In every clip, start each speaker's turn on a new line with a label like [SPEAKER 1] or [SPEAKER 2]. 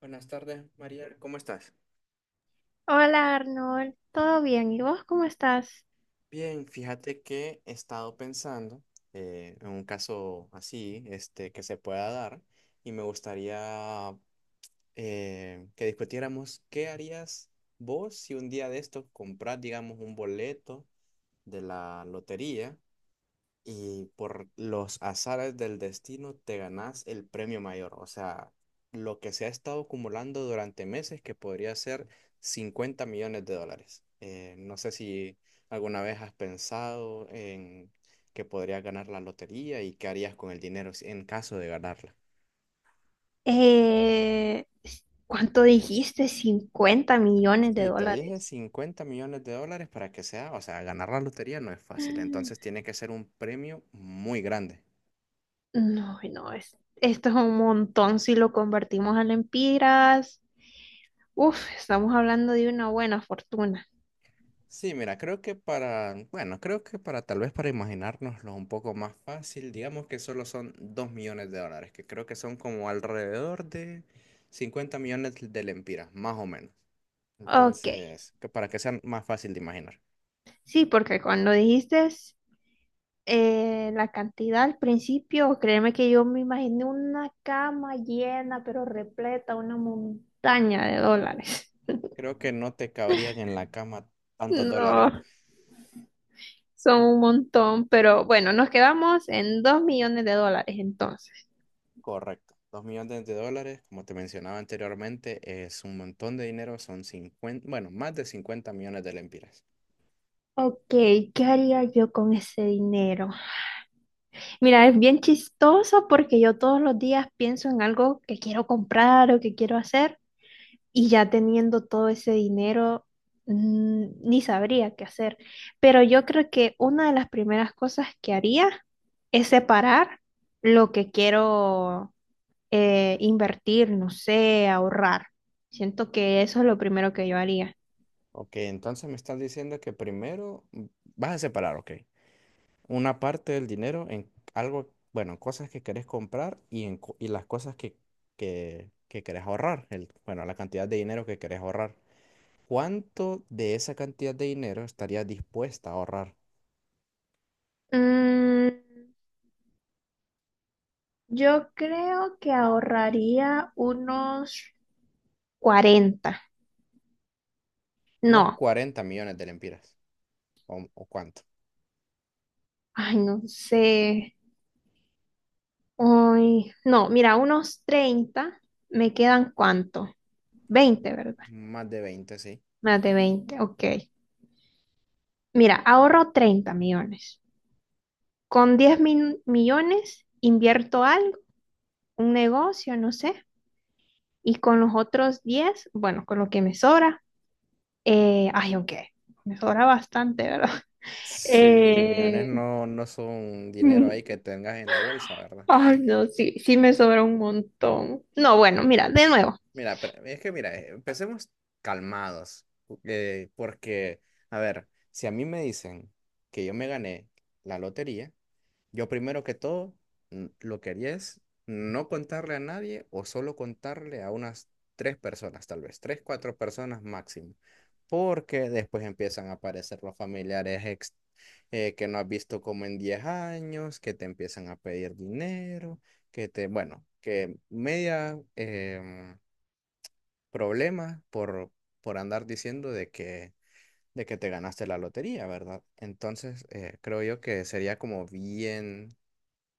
[SPEAKER 1] Buenas tardes, María. ¿Cómo estás?
[SPEAKER 2] Hola Arnold, ¿todo bien? ¿Y vos cómo estás?
[SPEAKER 1] Bien, fíjate que he estado pensando, en un caso así, este, que se pueda dar, y me gustaría que discutiéramos qué harías vos si un día de estos compras, digamos, un boleto de la lotería y por los azares del destino te ganás el premio mayor. O sea, lo que se ha estado acumulando durante meses que podría ser 50 millones de dólares. No sé si alguna vez has pensado en que podrías ganar la lotería y qué harías con el dinero en caso de ganarla.
[SPEAKER 2] Eh, ¿cuánto dijiste? 50 millones de
[SPEAKER 1] Sí, te dije
[SPEAKER 2] dólares.
[SPEAKER 1] 50 millones de dólares para que sea, o sea, ganar la lotería no es fácil,
[SPEAKER 2] Mm.
[SPEAKER 1] entonces tiene que ser un premio muy grande.
[SPEAKER 2] No, no, esto es un montón si lo convertimos a lempiras. Uf, estamos hablando de una buena fortuna.
[SPEAKER 1] Sí, mira, creo que para, bueno, creo que para tal vez para imaginárnoslo un poco más fácil, digamos que solo son 2 millones de dólares, que creo que son como alrededor de 50 millones de lempiras, más o menos.
[SPEAKER 2] Ok,
[SPEAKER 1] Entonces, que para que sea más fácil de imaginar.
[SPEAKER 2] sí, porque cuando dijiste la cantidad al principio, créeme que yo me imaginé una cama llena, pero repleta, una montaña de dólares.
[SPEAKER 1] Creo que no te cabrían en la cama tantos dólares.
[SPEAKER 2] No. Son un montón, pero bueno, nos quedamos en 2 millones de dólares entonces.
[SPEAKER 1] Correcto. Dos millones de dólares, como te mencionaba anteriormente, es un montón de dinero, son 50, bueno, más de 50 millones de lempiras.
[SPEAKER 2] Ok, ¿qué haría yo con ese dinero? Mira, es bien chistoso porque yo todos los días pienso en algo que quiero comprar o que quiero hacer y ya teniendo todo ese dinero ni sabría qué hacer. Pero yo creo que una de las primeras cosas que haría es separar lo que quiero invertir, no sé, ahorrar. Siento que eso es lo primero que yo haría.
[SPEAKER 1] Ok, entonces me estás diciendo que primero, vas a separar, ok, una parte del dinero en algo, bueno, cosas que querés comprar y las cosas que querés ahorrar, el, bueno, la cantidad de dinero que querés ahorrar. ¿Cuánto de esa cantidad de dinero estarías dispuesta a ahorrar?
[SPEAKER 2] Mm, yo creo que ahorraría unos 40.
[SPEAKER 1] ¿Unos
[SPEAKER 2] No,
[SPEAKER 1] 40 millones de lempiras, o cuánto?
[SPEAKER 2] ay, no sé. Ay, no, mira, unos 30. ¿Me quedan cuánto? 20, ¿verdad?
[SPEAKER 1] Más de 20, sí.
[SPEAKER 2] Más de 20, ok. Mira, ahorro 30 millones. Con 10.000 millones invierto algo, un negocio, no sé. Y con los otros 10, bueno, con lo que me sobra, ay, aunque me sobra bastante, ¿verdad?
[SPEAKER 1] Sí, 10 millones
[SPEAKER 2] Eh,
[SPEAKER 1] no, no son dinero ahí que tengas en la bolsa, ¿verdad?
[SPEAKER 2] ay, no, sí, sí me sobra un montón. No, bueno, mira, de nuevo.
[SPEAKER 1] Mira, pero es que mira, empecemos calmados, porque, a ver, si a mí me dicen que yo me gané la lotería, yo primero que todo, lo que haría es no contarle a nadie o solo contarle a unas tres personas, tal vez, tres, cuatro personas máximo, porque después empiezan a aparecer los familiares que no has visto como en 10 años, que te empiezan a pedir dinero, que te, bueno, que media, problemas por andar diciendo de que te ganaste la lotería, ¿verdad? Entonces, creo yo que sería como bien,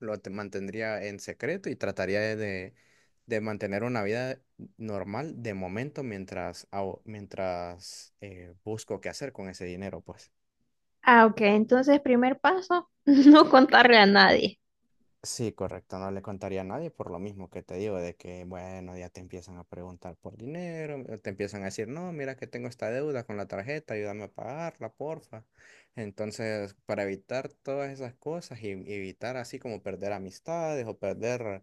[SPEAKER 1] lo te mantendría en secreto y trataría de mantener una vida normal de momento mientras, mientras busco qué hacer con ese dinero, pues.
[SPEAKER 2] Ah, ok, entonces primer paso, no contarle a nadie.
[SPEAKER 1] Sí, correcto, no le contaría a nadie por lo mismo que te digo, de que, bueno, ya te empiezan a preguntar por dinero, te empiezan a decir, no, mira que tengo esta deuda con la tarjeta, ayúdame a pagarla, porfa. Entonces, para evitar todas esas cosas y evitar así como perder amistades o perder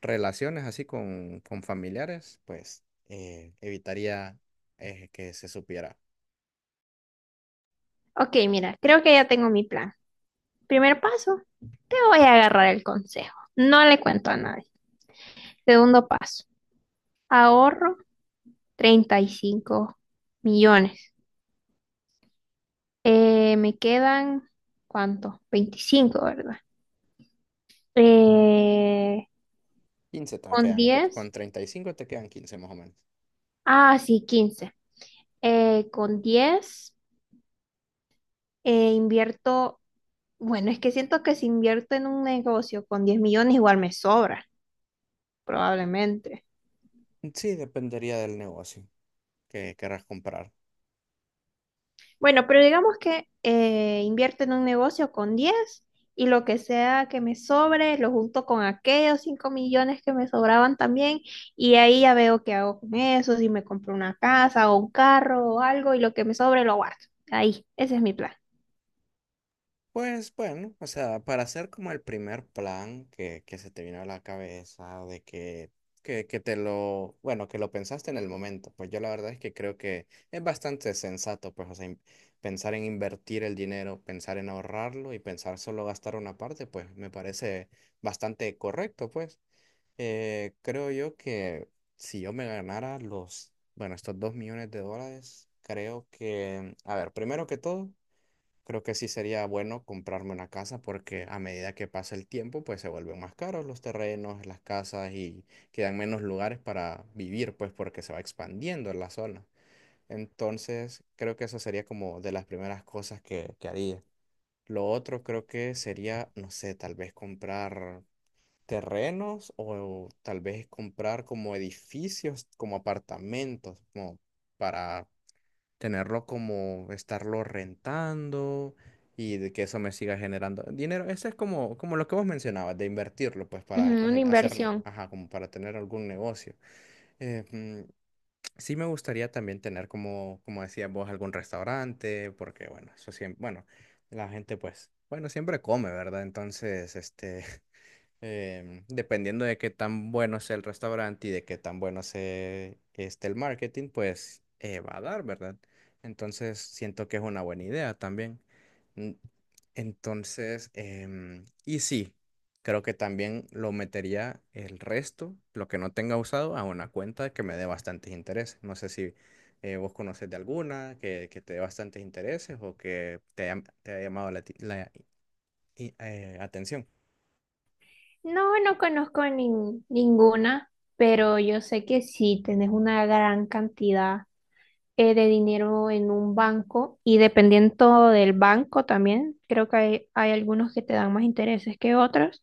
[SPEAKER 1] relaciones así con familiares, pues evitaría, que se supiera.
[SPEAKER 2] Ok, mira, creo que ya tengo mi plan. Primer paso, te voy a agarrar el consejo. No le cuento a nadie. Segundo paso, ahorro 35 millones. Me quedan, ¿cuánto? 25, ¿verdad? Eh,
[SPEAKER 1] 15 te
[SPEAKER 2] con
[SPEAKER 1] quedan,
[SPEAKER 2] 10.
[SPEAKER 1] con 35 te quedan 15 más o menos.
[SPEAKER 2] Ah, sí, 15. Con 10 invierto, bueno, es que siento que si invierto en un negocio con 10 millones igual me sobra, probablemente.
[SPEAKER 1] Sí, dependería del negocio que querrás comprar.
[SPEAKER 2] Bueno, pero digamos que invierto en un negocio con 10 y lo que sea que me sobre lo junto con aquellos 5 millones que me sobraban también y ahí ya veo qué hago con eso, si me compro una casa o un carro o algo y lo que me sobre lo guardo. Ahí, ese es mi plan.
[SPEAKER 1] Pues bueno, o sea, para hacer como el primer plan que se te vino a la cabeza, de que, que te lo, bueno, que lo pensaste en el momento, pues yo la verdad es que creo que es bastante sensato, pues, o sea, pensar en invertir el dinero, pensar en ahorrarlo y pensar solo gastar una parte, pues me parece bastante correcto, pues. Creo yo que si yo me ganara los, bueno, estos 2 millones de dólares, creo que, a ver, primero que todo. Creo que sí sería bueno comprarme una casa porque a medida que pasa el tiempo, pues se vuelven más caros los terrenos, las casas y quedan menos lugares para vivir, pues porque se va expandiendo la zona. Entonces, creo que eso sería como de las primeras cosas que haría. Lo otro creo que sería, no sé, tal vez comprar terrenos o tal vez comprar como edificios, como apartamentos, como para tenerlo como estarlo rentando y de que eso me siga generando dinero. Eso es como, como lo que vos mencionabas, de invertirlo, pues para
[SPEAKER 2] Ujú, una
[SPEAKER 1] hacer,
[SPEAKER 2] inversión.
[SPEAKER 1] ajá, como para tener algún negocio. Eh, mm, sí me gustaría también tener como, como decías vos, algún restaurante, porque bueno, eso siempre, bueno, la gente pues, bueno, siempre come, ¿verdad? Entonces, este, dependiendo de qué tan bueno sea el restaurante y de qué tan bueno sea este el marketing, pues va a dar, ¿verdad? Entonces siento que es una buena idea también. Mm, Entonces, y sí, creo que también lo metería el resto, lo que no tenga usado, a una cuenta que me dé bastantes intereses. No sé si vos conoces de alguna que te dé bastantes intereses o que te haya llamado la atención.
[SPEAKER 2] No, no conozco ninguna, pero yo sé que si tenés una gran cantidad de dinero en un banco y dependiendo del banco también, creo que hay algunos que te dan más intereses que otros,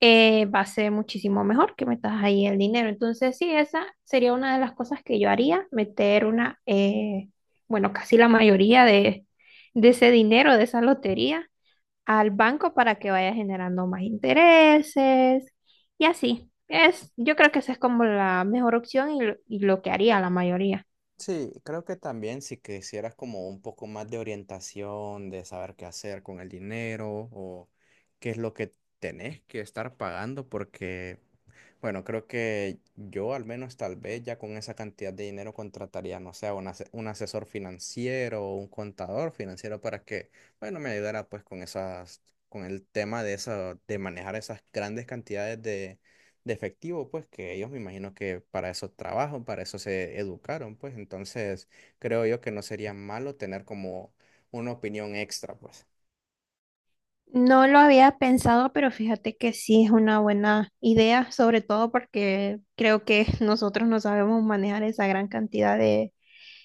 [SPEAKER 2] va a ser muchísimo mejor que metas ahí el dinero. Entonces, sí, esa sería una de las cosas que yo haría, meter bueno, casi la mayoría de ese dinero, de esa lotería, al banco para que vaya generando más intereses y así. Es, yo creo que esa es como la mejor opción y y lo que haría la mayoría.
[SPEAKER 1] Sí, creo que también si quisieras como un poco más de orientación, de saber qué hacer con el dinero o qué es lo que tenés que estar pagando, porque bueno, creo que yo al menos tal vez ya con esa cantidad de dinero contrataría, no sé, un asesor financiero o un contador financiero para que, bueno, me ayudara pues con esas, con el tema de esa, de manejar esas grandes cantidades de efectivo, pues que ellos me imagino que para eso trabajan, para eso se educaron, pues entonces creo yo que no sería malo tener como una opinión extra, pues.
[SPEAKER 2] No lo había pensado, pero fíjate que sí es una buena idea, sobre todo porque creo que nosotros no sabemos manejar esa gran cantidad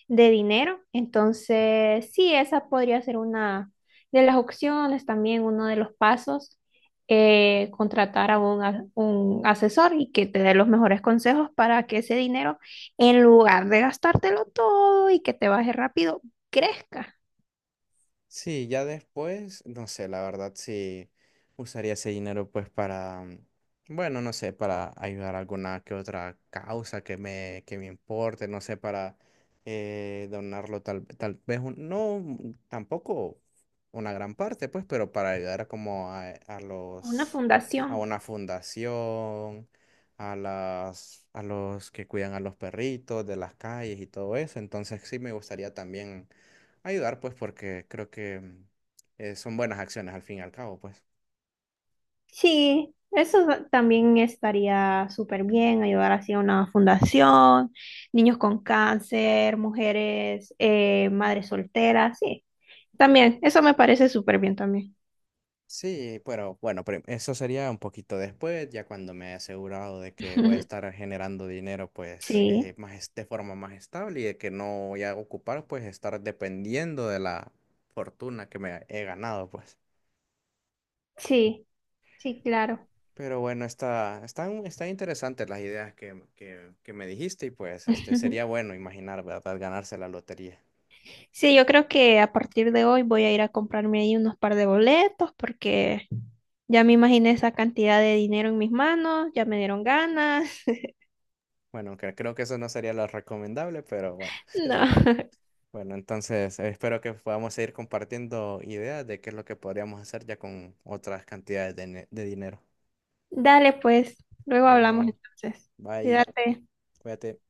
[SPEAKER 2] de dinero. Entonces, sí, esa podría ser una de las opciones, también uno de los pasos, contratar a un asesor y que te dé los mejores consejos para que ese dinero, en lugar de gastártelo todo y que te baje rápido, crezca
[SPEAKER 1] Sí, ya después, no sé, la verdad sí usaría ese dinero pues para, bueno, no sé, para ayudar a alguna que otra causa que me importe, no sé, para donarlo, tal vez, no, tampoco una gran parte pues, pero para ayudar como
[SPEAKER 2] a una
[SPEAKER 1] a
[SPEAKER 2] fundación.
[SPEAKER 1] una fundación, a los que cuidan a los perritos de las calles y todo eso, entonces sí me gustaría también ayudar, pues, porque creo que son buenas acciones al fin y al cabo, pues.
[SPEAKER 2] Sí, eso también estaría súper bien, ayudar así a una fundación, niños con cáncer, mujeres, madres solteras, sí. También, eso me parece súper bien también.
[SPEAKER 1] Sí, pero bueno, eso sería un poquito después, ya cuando me he asegurado de que voy a estar generando dinero, pues,
[SPEAKER 2] Sí,
[SPEAKER 1] de forma más estable y de que no voy a ocupar, pues, estar dependiendo de la fortuna que me he ganado, pues.
[SPEAKER 2] sí, sí, claro.
[SPEAKER 1] Pero bueno, están interesantes las ideas que me dijiste y pues este sería bueno imaginar, ¿verdad? Ganarse la lotería.
[SPEAKER 2] Sí, yo creo que a partir de hoy voy a ir a comprarme ahí unos par de boletos porque ya me imaginé esa cantidad de dinero en mis manos, ya me dieron ganas.
[SPEAKER 1] Bueno, aunque creo que eso no sería lo recomendable, pero bueno.
[SPEAKER 2] No.
[SPEAKER 1] Bueno, entonces espero que podamos seguir compartiendo ideas de qué es lo que podríamos hacer ya con otras cantidades de dinero.
[SPEAKER 2] Dale, pues, luego hablamos
[SPEAKER 1] Bueno,
[SPEAKER 2] entonces.
[SPEAKER 1] bye,
[SPEAKER 2] Cuídate.
[SPEAKER 1] cuídate.